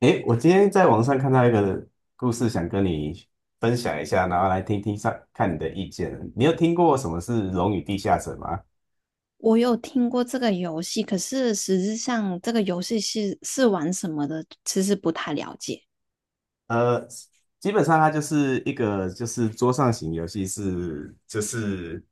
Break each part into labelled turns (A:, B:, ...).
A: 诶，我今天在网上看到一个故事，想跟你分享一下，然后来听听上看你的意见。你有听过什么是《龙与地下城》吗？
B: 我有听过这个游戏，可是实质上这个游戏是玩什么的，其实不太了解。
A: 呃，基本上它就是一个就是桌上型游戏是，就是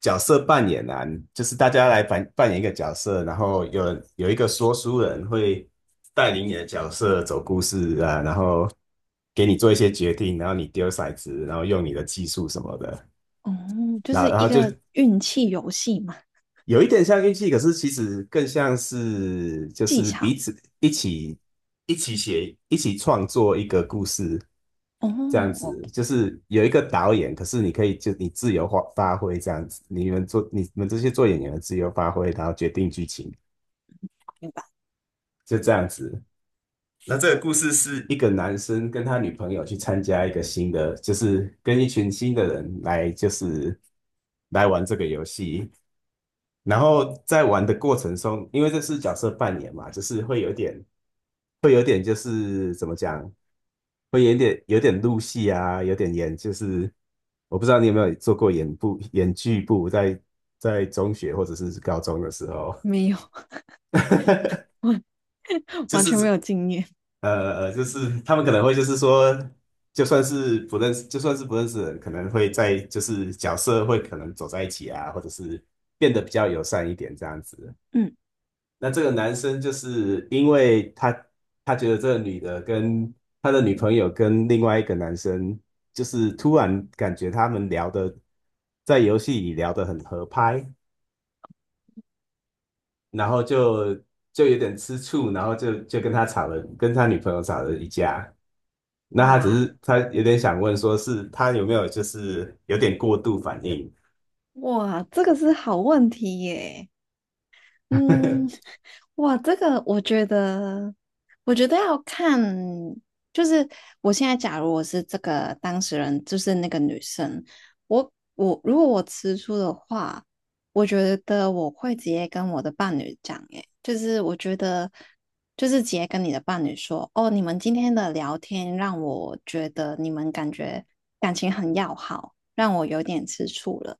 A: 角色扮演啊，就是大家来扮演一个角色，然后有一个说书人会带领你的角色走故事啊，然后给你做一些决定，然后你丢骰子，然后用你的技术什么的。
B: 哦，就
A: 那
B: 是
A: 然
B: 一
A: 后就
B: 个运气游戏嘛，
A: 有一点像运气，可是其实更像是就
B: 技
A: 是
B: 巧。
A: 彼此一起写、一起创作一个故事
B: 哦，
A: 这样
B: 我
A: 子。就是有一个导演，可是你可以就你自由发挥这样子，你们做你们这些做演员的自由发挥，然后决定剧情，
B: 明白。
A: 就这样子。那这个故事是一个男生跟他女朋友去参加一个新的，就是跟一群新的人来，就是来玩这个游戏。然后在玩的过程中，因为这是角色扮演嘛，就是会有点，会有点就是怎么讲，会有点有点入戏啊，有点演，就是我不知道你有没有做过演部演剧部在，在中学或者是高中的时候，
B: 没有。完
A: 就
B: 完
A: 是
B: 全没有经验。
A: 呃就是他们可能会就是说，就算是不认识，就算是不认识的人，可能会在就是角色会可能走在一起啊，或者是变得比较友善一点这样子。
B: 嗯。
A: 那这个男生就是因为他觉得这个女的跟他的女朋友跟另外一个男生，就是突然感觉他们聊的在游戏里聊得很合拍，然后就有点吃醋，然后就跟他吵了，跟他女朋友吵了一架。那他只
B: 哇，
A: 是他有点想问，说是他有没有就是有点过度反应？
B: 哇，这个是好问题耶。嗯。哇，这个我觉得，我觉得要看，就是我现在假如我是这个当事人，就是那个女生，我如果我吃醋的话，我觉得我会直接跟我的伴侣讲，诶，就是我觉得，就是直接跟你的伴侣说，哦，你们今天的聊天让我觉得你们感觉感情很要好，让我有点吃醋了。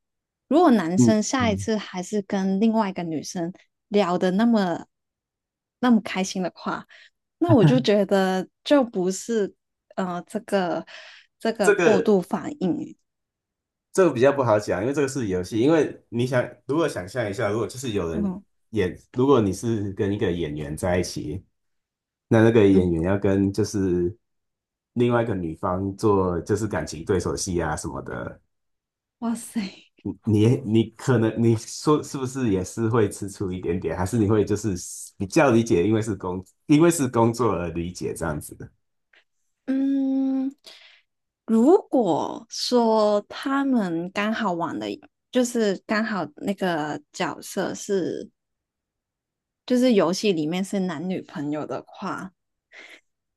B: 如果男
A: 嗯
B: 生下一
A: 嗯，
B: 次还是跟另外一个女生聊的那么开心的话，那我就觉得就不是呃这个这个
A: 这
B: 过
A: 个
B: 度反应。
A: 这个比较不好讲，因为这个是游戏。因为你想，如果想象一下，如果就是有人
B: 嗯
A: 演，如果你是跟一个演员在一起，那个演
B: 嗯。
A: 员要跟就是另外一个女方做就是感情对手戏啊什么的，
B: 哇塞。
A: 你可能你说是不是也是会吃醋一点点，还是你会就是比较理解，因为是工作而理解这样子的。
B: 嗯，如果说他们刚好玩的，就是刚好那个角色是就是游戏里面是男女朋友的话，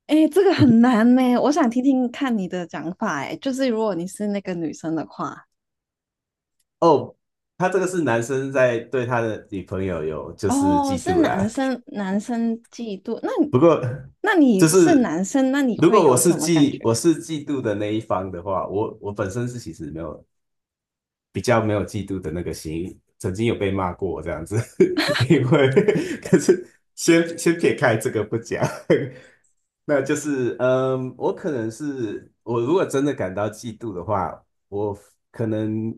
B: 哎，这个很难呢，我想听听看你的讲法。哎，就是如果你是那个女生的话，
A: 哦，他这个是男生在对他的女朋友有就是
B: 哦，
A: 嫉
B: 是
A: 妒
B: 男
A: 啦。
B: 生，男生嫉妒，那你，
A: 不过
B: 那
A: 就
B: 你是
A: 是
B: 男生，那你
A: 如
B: 会
A: 果我
B: 有
A: 是
B: 什么感
A: 嫉
B: 觉？
A: 我是嫉妒的那一方的话，我本身是其实没有比较没有嫉妒的那个心，曾经有被骂过这样子，因为可是先撇开这个不讲，那就是嗯，我可能是我如果真的感到嫉妒的话，我可能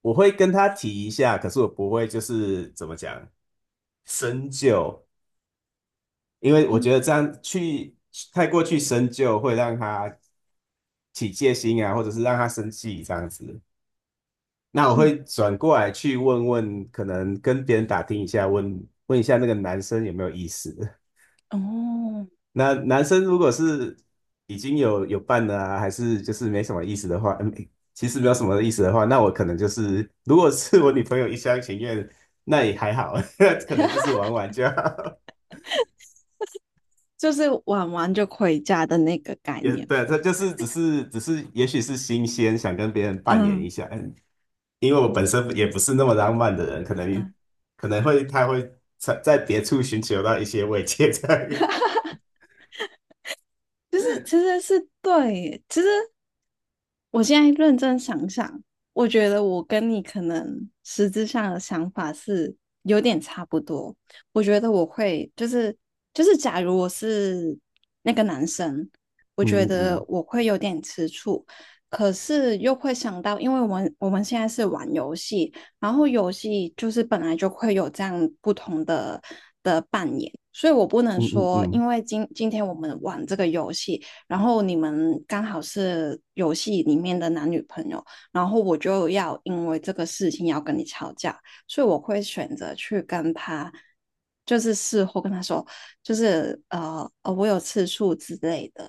A: 我会跟他提一下，可是我不会就是怎么讲深究。因为我觉
B: 嗯
A: 得这样去太过去深究，会让他起戒心啊，或者是让他生气这样子。那我
B: 嗯。
A: 会转过来去问问，可能跟别人打听一下，问问一下那个男生有没有意思。
B: 哦，
A: 那男生如果是已经有伴了啊，还是就是没什么意思的话，嗯，其实没有什么意思的话，那我可能就是，如果是我女朋友一厢情愿，那也还好，可能就是玩玩就好。
B: 就是玩完就回家的那个概
A: 也
B: 念。
A: 对，这就是只是，也许是新鲜，想跟别人扮演一
B: 嗯
A: 下。嗯因为我本身也不是那么浪漫的人，可能
B: 嗯。
A: 可能会他会在别处寻求到一些慰藉在，这
B: 就是，其实是对耶，其实我现在认真想想，我觉得我跟你可能实质上的想法是有点差不多。我觉得我会就是，就是，假如我是那个男生，我觉
A: 嗯
B: 得
A: 嗯
B: 我会有点吃醋，可是又会想到，因为我们现在是玩游戏，然后游戏就是本来就会有这样不同的的扮演，所以我不能
A: 嗯嗯
B: 说，
A: 嗯，
B: 因为今天我们玩这个游戏，然后你们刚好是游戏里面的男女朋友，然后我就要因为这个事情要跟你吵架，所以我会选择去跟他。就是事后跟他说，就是我有次数之类的。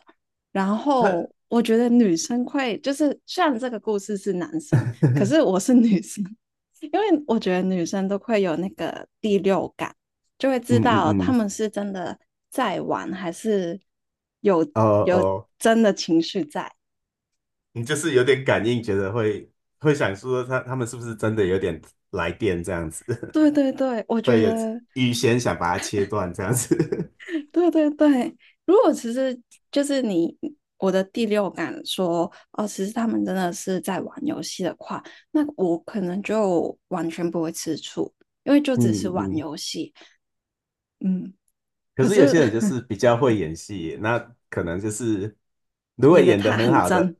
B: 然
A: 他
B: 后我觉得女生会，就是虽然这个故事是男生，可是 我是女生，因为我觉得女生都会有那个第六感，就会知
A: 嗯
B: 道
A: 嗯
B: 他
A: 嗯，
B: 们是真的在玩，还是有，
A: 哦
B: 有
A: 哦，
B: 真的情绪在。
A: 你就是有点感应，觉得会会想说他们是不是真的有点来电这样子，
B: 对对对，我 觉
A: 会有
B: 得
A: 预先想把它切断这样子。
B: 对对对。如果其实就是你，我的第六感说哦，其实他们真的是在玩游戏的话，那我可能就完全不会吃醋，因为就只是
A: 嗯
B: 玩
A: 嗯。
B: 游戏。嗯。
A: 可
B: 可
A: 是有
B: 是
A: 些人就是比 较会演戏，那可能就是如果
B: 演的
A: 演得
B: 太
A: 很
B: 很
A: 好的，
B: 真，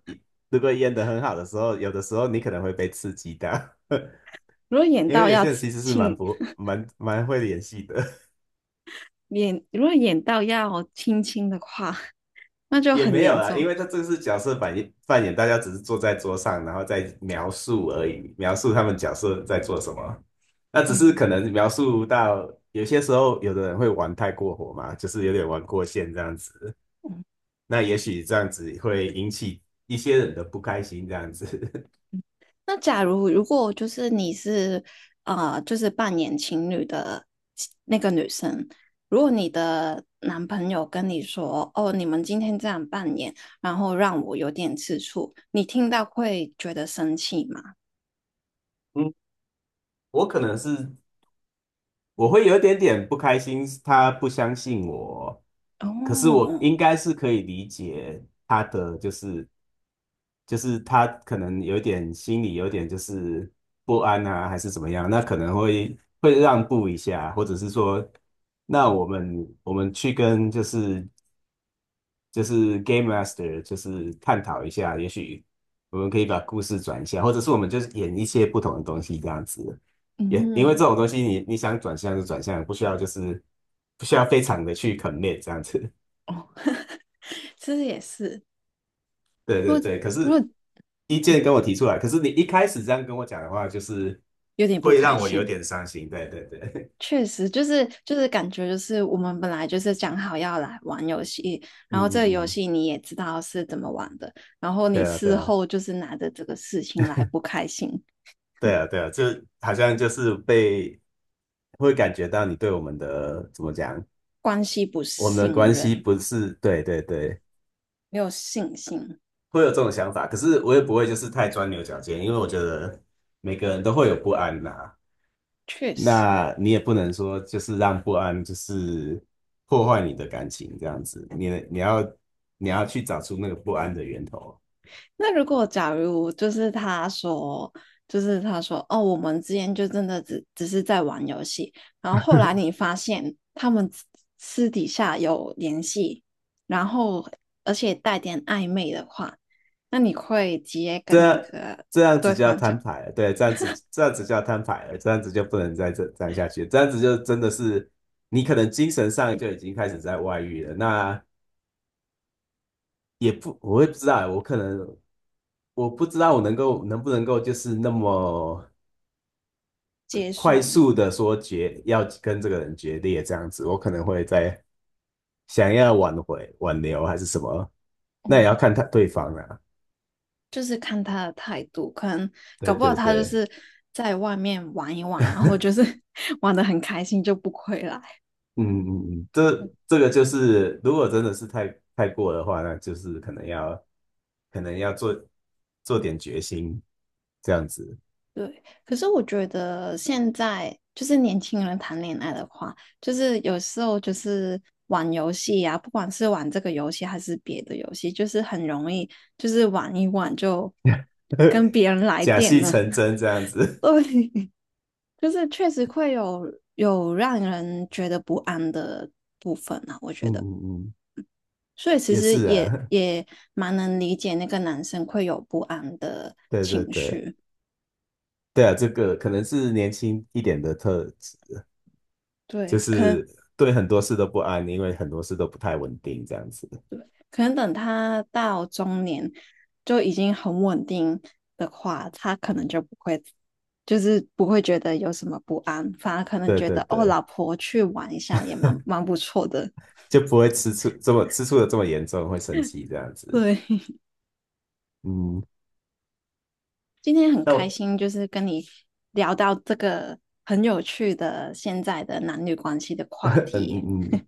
A: 如果演得很好的时候，有的时候你可能会被刺激到，
B: 如果 演
A: 因为
B: 到
A: 有
B: 要
A: 些人其实是蛮
B: 亲，
A: 不蛮蛮会演戏的，
B: 演如果演到要亲亲的话，那 就
A: 也
B: 很
A: 没有
B: 严
A: 啦，
B: 重。
A: 因为他这个是角色扮演，大家只是坐在桌上，然后再描述而已，描述他们角色在做什么。那只是
B: 嗯
A: 可能描述到有些时候，有的人会玩太过火嘛，就是有点玩过线这样子。
B: 嗯，
A: 那也许这样子会引起一些人的不开心，这样子。
B: 那假如如果就是你是就是扮演情侣的那个女生，如果你的男朋友跟你说："哦，你们今天这样扮演，然后让我有点吃醋"，你听到会觉得生气吗？
A: 嗯，我可能是我会有一点点不开心，他不相信我，可是我
B: 哦。
A: 应该是可以理解他的，就是他可能有点心里有点就是不安啊，还是怎么样，那可能会会让步一下，或者是说，那我们去跟就是 Game Master,就是探讨一下，也许我们可以把故事转一下，或者是我们就是演一些不同的东西这样子。也因为这
B: 嗯。
A: 种东西你，你想转向就转向，不需要就是不需要非常的去 commit 这样子。
B: 哦，其实也是，
A: 对
B: 如
A: 对
B: 果，
A: 对，可
B: 如
A: 是
B: 果
A: 意见跟我提出来，可是你一开始这样跟我讲的话，就是
B: 有点不
A: 会
B: 开
A: 让我有
B: 心，
A: 点伤心。对对对，
B: 确实，就是就是感觉就是我们本来就是讲好要来玩游戏，
A: 嗯
B: 然后这
A: 嗯
B: 个游
A: 嗯，
B: 戏你也知道是怎么玩的，然后
A: 对
B: 你
A: 啊对
B: 事
A: 啊
B: 后就是拿着这个事情来不开心，
A: 对啊对啊，就好像就是被会感觉到你对我们的怎么讲
B: 关系不
A: 我们的
B: 信
A: 关系
B: 任，
A: 不是，对对对，
B: 没有信心，
A: 会有这种想法，可是我也不会就是太钻牛角尖，因为我觉得每个人都会有不安呐、
B: 确实。
A: 那你也不能说就是让不安就是破坏你的感情这样子，你你要去找出那个不安的源头，
B: 那如果假如就是他说，就是他说，哦，我们之间就真的只是在玩游戏，然后后来你发现他们私底下有联系，然后而且带点暧昧的话，那你会直接
A: 这
B: 跟那
A: 样
B: 个
A: 这样子
B: 对
A: 就要
B: 方
A: 摊
B: 讲
A: 牌了，对，这样子这样子就要摊牌了，这样子就不能再这样下去，这样子就真的是你可能精神上就已经开始在外遇了，那也不我也不知道欸，我可能。我不知道我能不能够就是那么
B: 接
A: 快
B: 受吗？
A: 速的说决要跟这个人决裂这样子，我可能会在想要挽留还是什么，那也要
B: 嗯，
A: 看他对方啊。
B: 就是看他的态度，可能
A: 对
B: 搞不好
A: 对
B: 他就
A: 对，
B: 是在外面玩一玩，然后就是 玩的很开心就不回来。
A: 嗯嗯嗯，这个就是如果真的是太过的话，那就是可能要做做点决心这样子，
B: 对，可是我觉得现在就是年轻人谈恋爱的话，就是有时候就是玩游戏啊，不管是玩这个游戏还是别的游戏，就是很容易就是玩一玩就跟 别人来
A: 假
B: 电
A: 戏
B: 了。
A: 成 真这样子。
B: 对，就是确实会有，有让人觉得不安的部分啊，我
A: 嗯
B: 觉得。
A: 嗯嗯，
B: 所以其
A: 也
B: 实
A: 是
B: 也
A: 啊，
B: 也蛮能理解那个男生会有不安的
A: 对对
B: 情
A: 对。
B: 绪。
A: 对啊，这个可能是年轻一点的特质，就
B: 对，可能，
A: 是对很多事都不安，因为很多事都不太稳定，这样子。
B: 可能等他到中年就已经很稳定的话，他可能就不会，就是不会觉得有什么不安，反而可能
A: 对
B: 觉
A: 对
B: 得哦，
A: 对，
B: 老婆去玩一下也蛮不错的。
A: 就不会吃醋这么严重，会生气这样子。
B: 对，
A: 嗯，
B: 今天很
A: 那
B: 开
A: 我
B: 心，就是跟你聊到这个很有趣的现在的男女关系的 话
A: 嗯
B: 题。
A: 嗯嗯，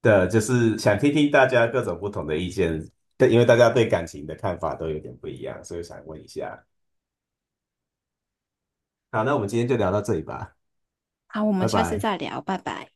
A: 对啊，就是想听听大家各种不同的意见，对，因为大家对感情的看法都有点不一样，所以想问一下。好，那我们今天就聊到这里吧，
B: 好，我们
A: 拜
B: 下次
A: 拜。
B: 再聊，拜拜。